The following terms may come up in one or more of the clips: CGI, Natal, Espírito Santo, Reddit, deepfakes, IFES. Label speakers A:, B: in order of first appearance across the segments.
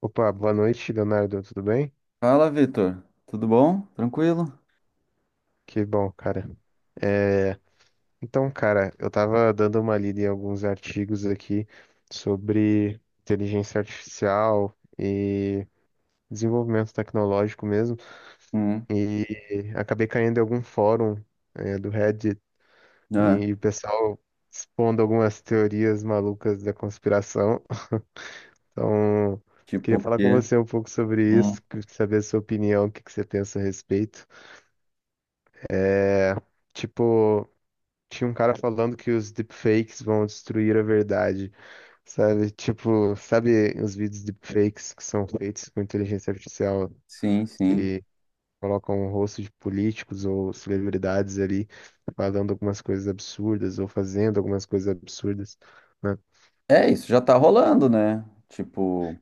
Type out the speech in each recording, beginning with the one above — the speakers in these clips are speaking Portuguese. A: Opa, boa noite, Leonardo, tudo bem?
B: Fala, Vitor. Tudo bom? Tranquilo?
A: Que bom, cara. É, então, cara, eu tava dando uma lida em alguns artigos aqui sobre inteligência artificial e desenvolvimento tecnológico mesmo,
B: Hum,
A: e acabei caindo em algum fórum, do Reddit
B: é,
A: e o pessoal expondo algumas teorias malucas da conspiração. Então,
B: tipo
A: queria
B: o
A: falar com
B: quê?
A: você um pouco sobre
B: Hum,
A: isso, saber a sua opinião, o que que você pensa a respeito. É, Tipo, Tinha um cara falando que os deepfakes vão destruir a verdade, sabe? Tipo, sabe os vídeos deepfakes que são feitos com inteligência artificial
B: sim, sim.
A: que colocam o rosto de políticos ou celebridades ali falando algumas coisas absurdas ou fazendo algumas coisas absurdas, né?
B: É, isso já tá rolando, né? Tipo,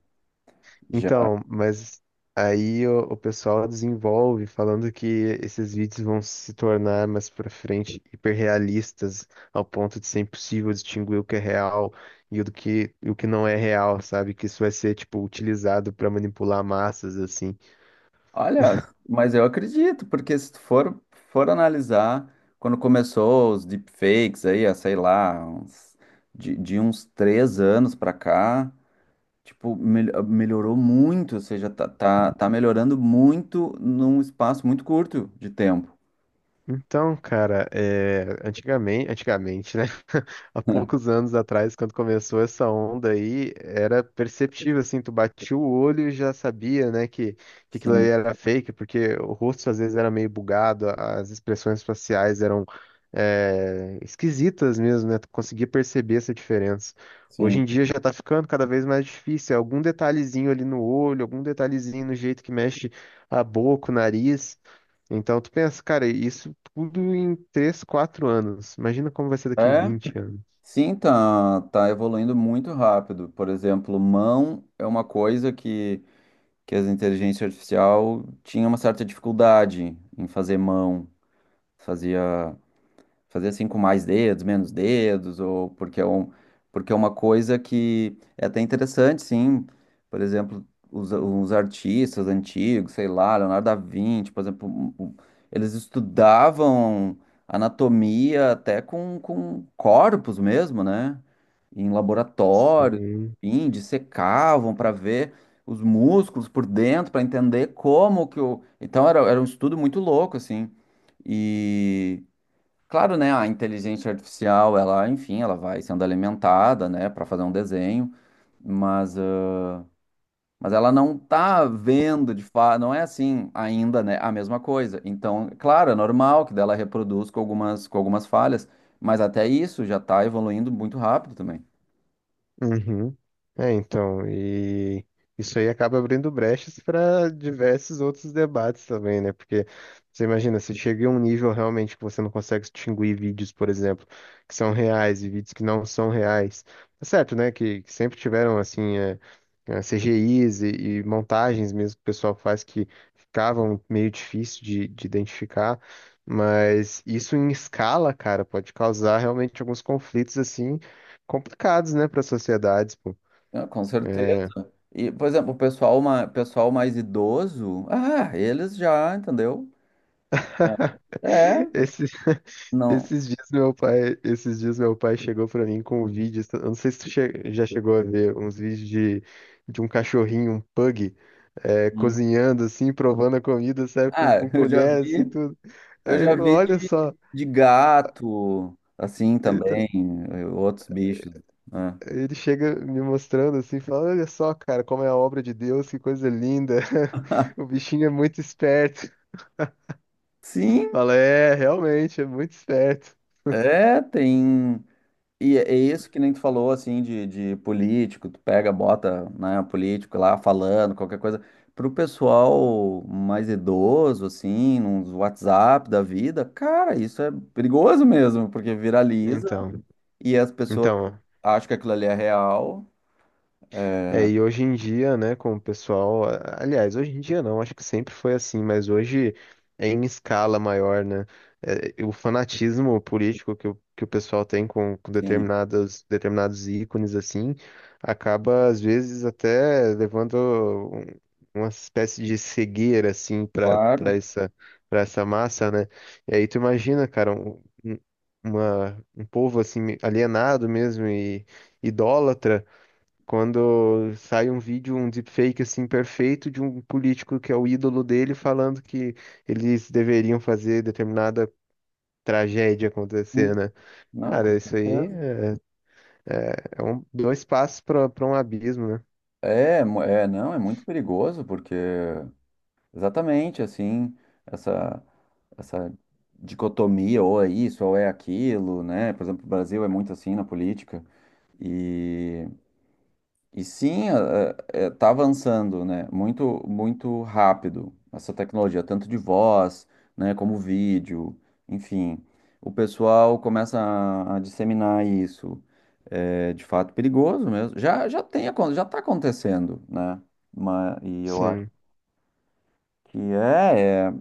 B: já.
A: Então, mas aí o pessoal desenvolve falando que esses vídeos vão se tornar mais pra frente hiperrealistas ao ponto de ser impossível distinguir o que é real e o que não é real, sabe? Que isso vai ser tipo utilizado pra manipular massas assim.
B: Olha, mas eu acredito, porque se tu for analisar, quando começou os deepfakes aí, a, sei lá, de uns 3 anos pra cá, tipo, melhorou muito, ou seja, tá melhorando muito num espaço muito curto de tempo.
A: Então, cara, antigamente, né? Há poucos anos atrás, quando começou essa onda aí, era perceptível, assim, tu batia o olho e já sabia, né, que aquilo ali
B: Sim,
A: era fake, porque o rosto às vezes era meio bugado, as expressões faciais eram esquisitas mesmo, né? Tu conseguia perceber essa diferença. Hoje
B: sim.
A: em dia já tá ficando cada vez mais difícil, é algum detalhezinho ali no olho, algum detalhezinho no jeito que mexe a boca, o nariz. Então tu pensa, cara, isso tudo em 3, 4 anos. Imagina como vai ser daqui
B: É,
A: 20 anos.
B: sim, tá evoluindo muito rápido. Por exemplo, mão é uma coisa que as inteligências artificial tinha uma certa dificuldade em fazer mão. Fazia Fazer assim com mais dedos, menos dedos, ou porque é, um, porque é uma coisa que é até interessante, sim. Por exemplo, os artistas antigos, sei lá, Leonardo da Vinci, por exemplo, eles estudavam anatomia até com corpos mesmo, né? Em
A: Isso
B: laboratório,
A: aí.
B: enfim, dissecavam para ver os músculos por dentro, para entender como que o. Então era um estudo muito louco, assim. E, claro, né? A inteligência artificial, ela, enfim, ela vai sendo alimentada, né, para fazer um desenho, mas, ah, mas ela não tá vendo de fato, não é assim ainda, né, a mesma coisa. Então, claro, é normal que dela reproduz com algumas falhas, mas até isso já tá evoluindo muito rápido também.
A: Uhum. Então, e isso aí acaba abrindo brechas para diversos outros debates também, né? Porque você imagina, se chega em um nível realmente que você não consegue distinguir vídeos, por exemplo, que são reais e vídeos que não são reais. Tá certo, né? Que sempre tiveram, assim, CGIs e montagens mesmo que o pessoal faz que ficavam meio difícil de identificar, mas isso em escala, cara, pode causar realmente alguns conflitos, assim complicados, né, para sociedades, pô.
B: Ah, com certeza.
A: É.
B: E, por exemplo, o pessoal, pessoal mais idoso, ah, eles já, entendeu? Já- É,
A: Esses,
B: não.
A: esses dias meu pai chegou pra mim com um vídeo, eu não sei se já chegou a ver uns vídeos de um cachorrinho, um pug,
B: Hum.
A: cozinhando assim, provando a comida, sabe,
B: Ah,
A: com
B: eu já
A: colher assim,
B: vi.
A: tudo.
B: Eu
A: Aí
B: já
A: ele falou,
B: vi
A: olha só.
B: de gato, assim
A: Então,
B: também, outros bichos, né?
A: ele chega me mostrando assim, fala, olha só, cara, como é a obra de Deus, que coisa linda. O bichinho é muito esperto.
B: Sim,
A: Fala, é, realmente, é muito esperto.
B: é, tem. E é isso que nem tu falou, assim, de político, tu pega, bota, né, político lá falando, qualquer coisa. Pro pessoal mais idoso, assim, nos WhatsApp da vida, cara, isso é perigoso mesmo, porque viraliza
A: Então,
B: e as pessoas
A: então,
B: acham que aquilo ali é real.
A: E hoje em dia, né, com o pessoal, aliás, hoje em dia não, acho que sempre foi assim, mas hoje é em escala maior, né? É, o fanatismo político que o pessoal tem com
B: Sim,
A: determinadas, determinados ícones, assim, acaba, às vezes, até levando um- uma espécie de cegueira, assim,
B: claro.
A: para essa massa, né? E aí tu imagina, cara, um povo, assim, alienado mesmo e idólatra quando sai um vídeo, um deepfake assim perfeito de um político que é o ídolo dele falando que eles deveriam fazer determinada tragédia acontecer,
B: Sim,
A: né?
B: não,
A: Cara,
B: com
A: isso aí
B: certeza.
A: é dois passos para um abismo, né?
B: É, é, não, é muito perigoso, porque exatamente assim, essa, essa dicotomia, ou é isso, ou é aquilo, né? Por exemplo, o Brasil é muito assim na política, e sim, está avançando, né? Muito, muito rápido essa tecnologia, tanto de voz, né, como vídeo, enfim. O pessoal começa a disseminar isso. É de fato perigoso mesmo. Já tem, já está acontecendo, né? Mas, e eu acho
A: Sim.
B: que é, é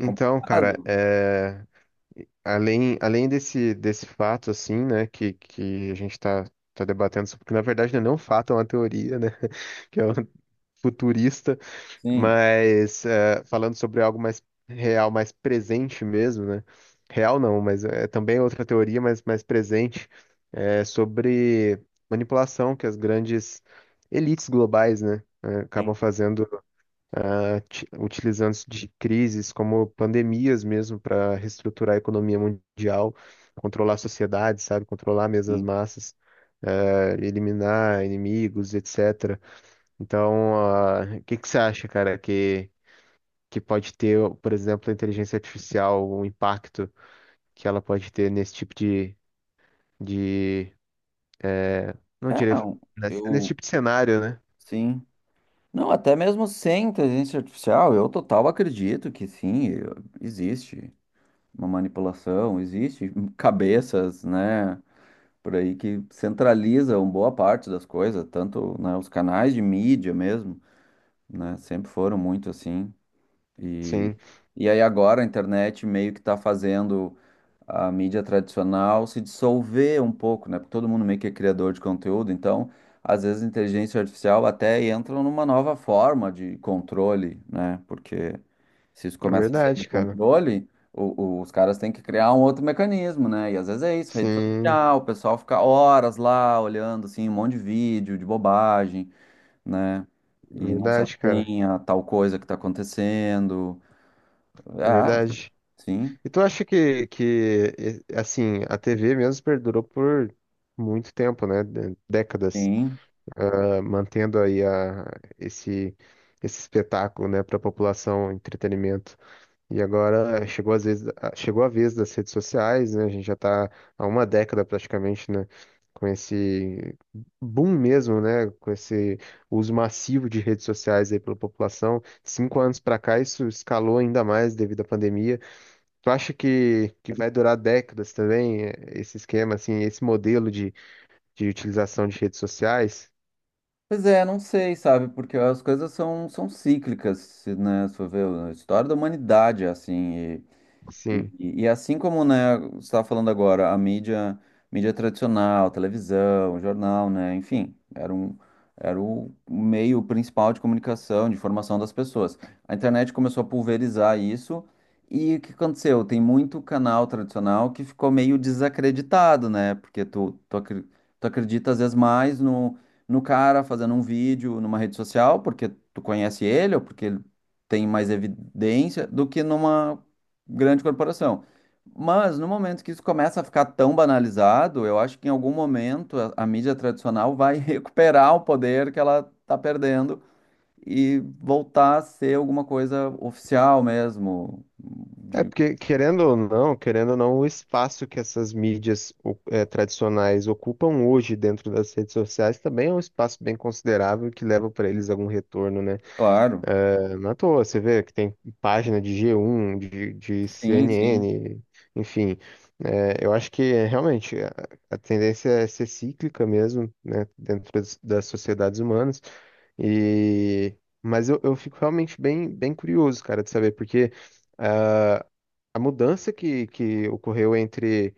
A: Então, cara,
B: complicado.
A: além desse, desse fato assim, né, que a gente tá, tá debatendo sobre, porque na verdade não é nem um fato, é uma teoria, né? Que é um futurista.
B: Sim,
A: Mas falando sobre algo mais real, mais presente mesmo, né? Real não, mas é também é outra teoria, mas mais presente, é sobre manipulação que as grandes elites globais, né?
B: sim,
A: Acabam fazendo, utilizando isso de crises como pandemias mesmo para reestruturar a economia mundial, controlar a sociedade, sabe? Controlar mesmo as
B: sim.
A: massas, eliminar inimigos, etc. Então, o que que você acha, cara, que pode ter, por exemplo, a inteligência artificial, o impacto que ela pode ter nesse tipo de, não
B: É,
A: diria, nesse
B: eu,
A: tipo de cenário, né?
B: sim. Não, até mesmo sem inteligência artificial, eu total acredito que sim, existe uma manipulação, existe cabeças, né, por aí que centralizam boa parte das coisas, tanto, né, os canais de mídia mesmo, né, sempre foram muito assim. E,
A: Sim,
B: e aí agora a internet meio que está fazendo a mídia tradicional se dissolver um pouco, né? Porque todo mundo meio que é criador de conteúdo, então às vezes a inteligência artificial até entra numa nova forma de controle, né? Porque se isso
A: é
B: começa a sair do
A: verdade, cara.
B: controle, os caras têm que criar um outro mecanismo, né? E às vezes é isso, rede
A: Sim,
B: social, o pessoal fica horas lá olhando assim, um monte de vídeo, de bobagem, né? E não se
A: verdade, cara.
B: atém a tal coisa que está acontecendo. Ah,
A: Verdade.
B: sim,
A: E tu acha que assim, a TV mesmo perdurou por muito tempo, né? Décadas,
B: sim.
A: mantendo aí esse, esse espetáculo, né, para a população, entretenimento. E agora chegou às vezes, chegou a vez das redes sociais, né? A gente já está há uma década praticamente, né? Com esse boom mesmo, né? Com esse uso massivo de redes sociais aí pela população. 5 anos para cá, isso escalou ainda mais devido à pandemia. Tu acha que vai durar décadas também, esse esquema, assim, esse modelo de utilização de redes sociais?
B: Pois é, não sei, sabe? Porque as coisas são cíclicas, né? Se for ver, a história da humanidade é assim.
A: Sim.
B: E assim como, né, você estava falando agora, a mídia, mídia tradicional, televisão, jornal, né, enfim, era um, era o meio principal de comunicação, de informação das pessoas. A internet começou a pulverizar isso, e o que aconteceu? Tem muito canal tradicional que ficou meio desacreditado, né, porque tu acredita às vezes mais no, no cara fazendo um vídeo numa rede social, porque tu conhece ele, ou porque ele tem mais evidência, do que numa grande corporação. Mas no momento que isso começa a ficar tão banalizado, eu acho que em algum momento a mídia tradicional vai recuperar o poder que ela está perdendo e voltar a ser alguma coisa oficial mesmo,
A: É
B: de,
A: porque, querendo ou não, o espaço que essas mídias tradicionais ocupam hoje dentro das redes sociais também é um espaço bem considerável que leva para eles algum retorno, né?
B: claro.
A: Não à toa, você vê que tem página de G1, de
B: Sim, sim,
A: CNN, enfim. Eu acho que realmente a tendência é ser cíclica mesmo, né, dentro das, das sociedades humanas. E... Mas eu fico realmente bem, bem curioso, cara, de saber, porque. ah, a mudança que ocorreu entre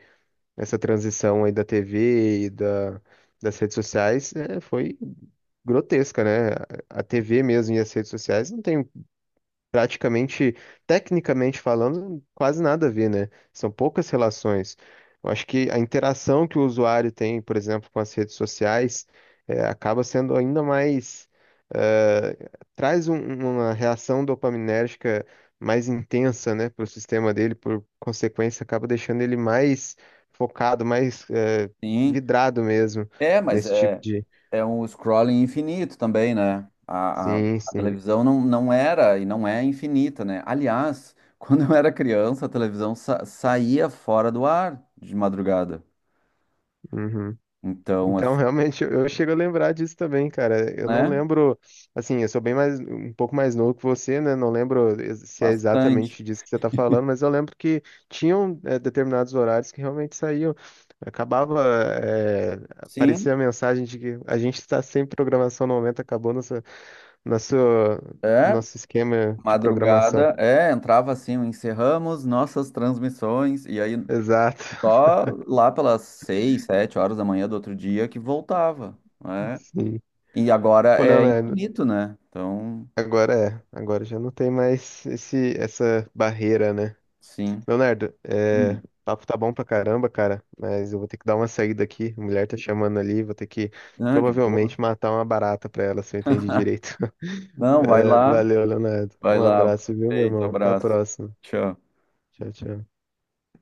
A: essa transição aí da TV e da, das redes sociais é, foi grotesca, né? A TV mesmo e as redes sociais não tem praticamente, tecnicamente falando, quase nada a ver, né? São poucas relações. Eu acho que a interação que o usuário tem, por exemplo, com as redes sociais, acaba sendo ainda mais, eh, traz uma reação dopaminérgica mais intensa, né, para o sistema dele, por consequência, acaba deixando ele mais focado, mais,
B: sim.
A: vidrado mesmo
B: É, mas
A: nesse tipo
B: é,
A: de.
B: é um scrolling infinito também, né? A, a,
A: Sim,
B: a
A: sim.
B: televisão não, não era e não é infinita, né? Aliás, quando eu era criança, a televisão saía fora do ar de madrugada.
A: Uhum.
B: Então, é,
A: Então, realmente, eu chego a lembrar disso também, cara. Eu não
B: né?
A: lembro, assim, eu sou bem mais, um pouco mais novo que você, né? Não lembro se é
B: Bastante.
A: exatamente disso que você tá falando, mas eu lembro que tinham, determinados horários que realmente saíam. Acabava,
B: Sim,
A: aparecia a mensagem de que a gente está sem programação no momento, acabou nossa, nosso,
B: é.
A: nosso esquema de programação.
B: Madrugada, é, entrava assim, o encerramos nossas transmissões, e aí
A: Exato.
B: só lá pelas 6, 7 horas da manhã do outro dia que voltava, né?
A: Sim.
B: E agora
A: Pô,
B: é
A: Leonardo,
B: infinito, né? Então.
A: agora é, agora já não tem mais esse, essa barreira, né?
B: Sim.
A: Leonardo, o
B: Hum.
A: papo tá bom pra caramba, cara, mas eu vou ter que dar uma saída aqui. A mulher tá chamando ali, vou ter que
B: Ah, de boa.
A: provavelmente matar uma barata pra ela, se eu entendi direito.
B: Não, vai
A: É,
B: lá.
A: valeu, Leonardo.
B: Vai
A: Um
B: lá.
A: abraço, viu, meu
B: Feito,
A: irmão? Até a
B: abraço.
A: próxima.
B: Tchau.
A: Tchau, tchau.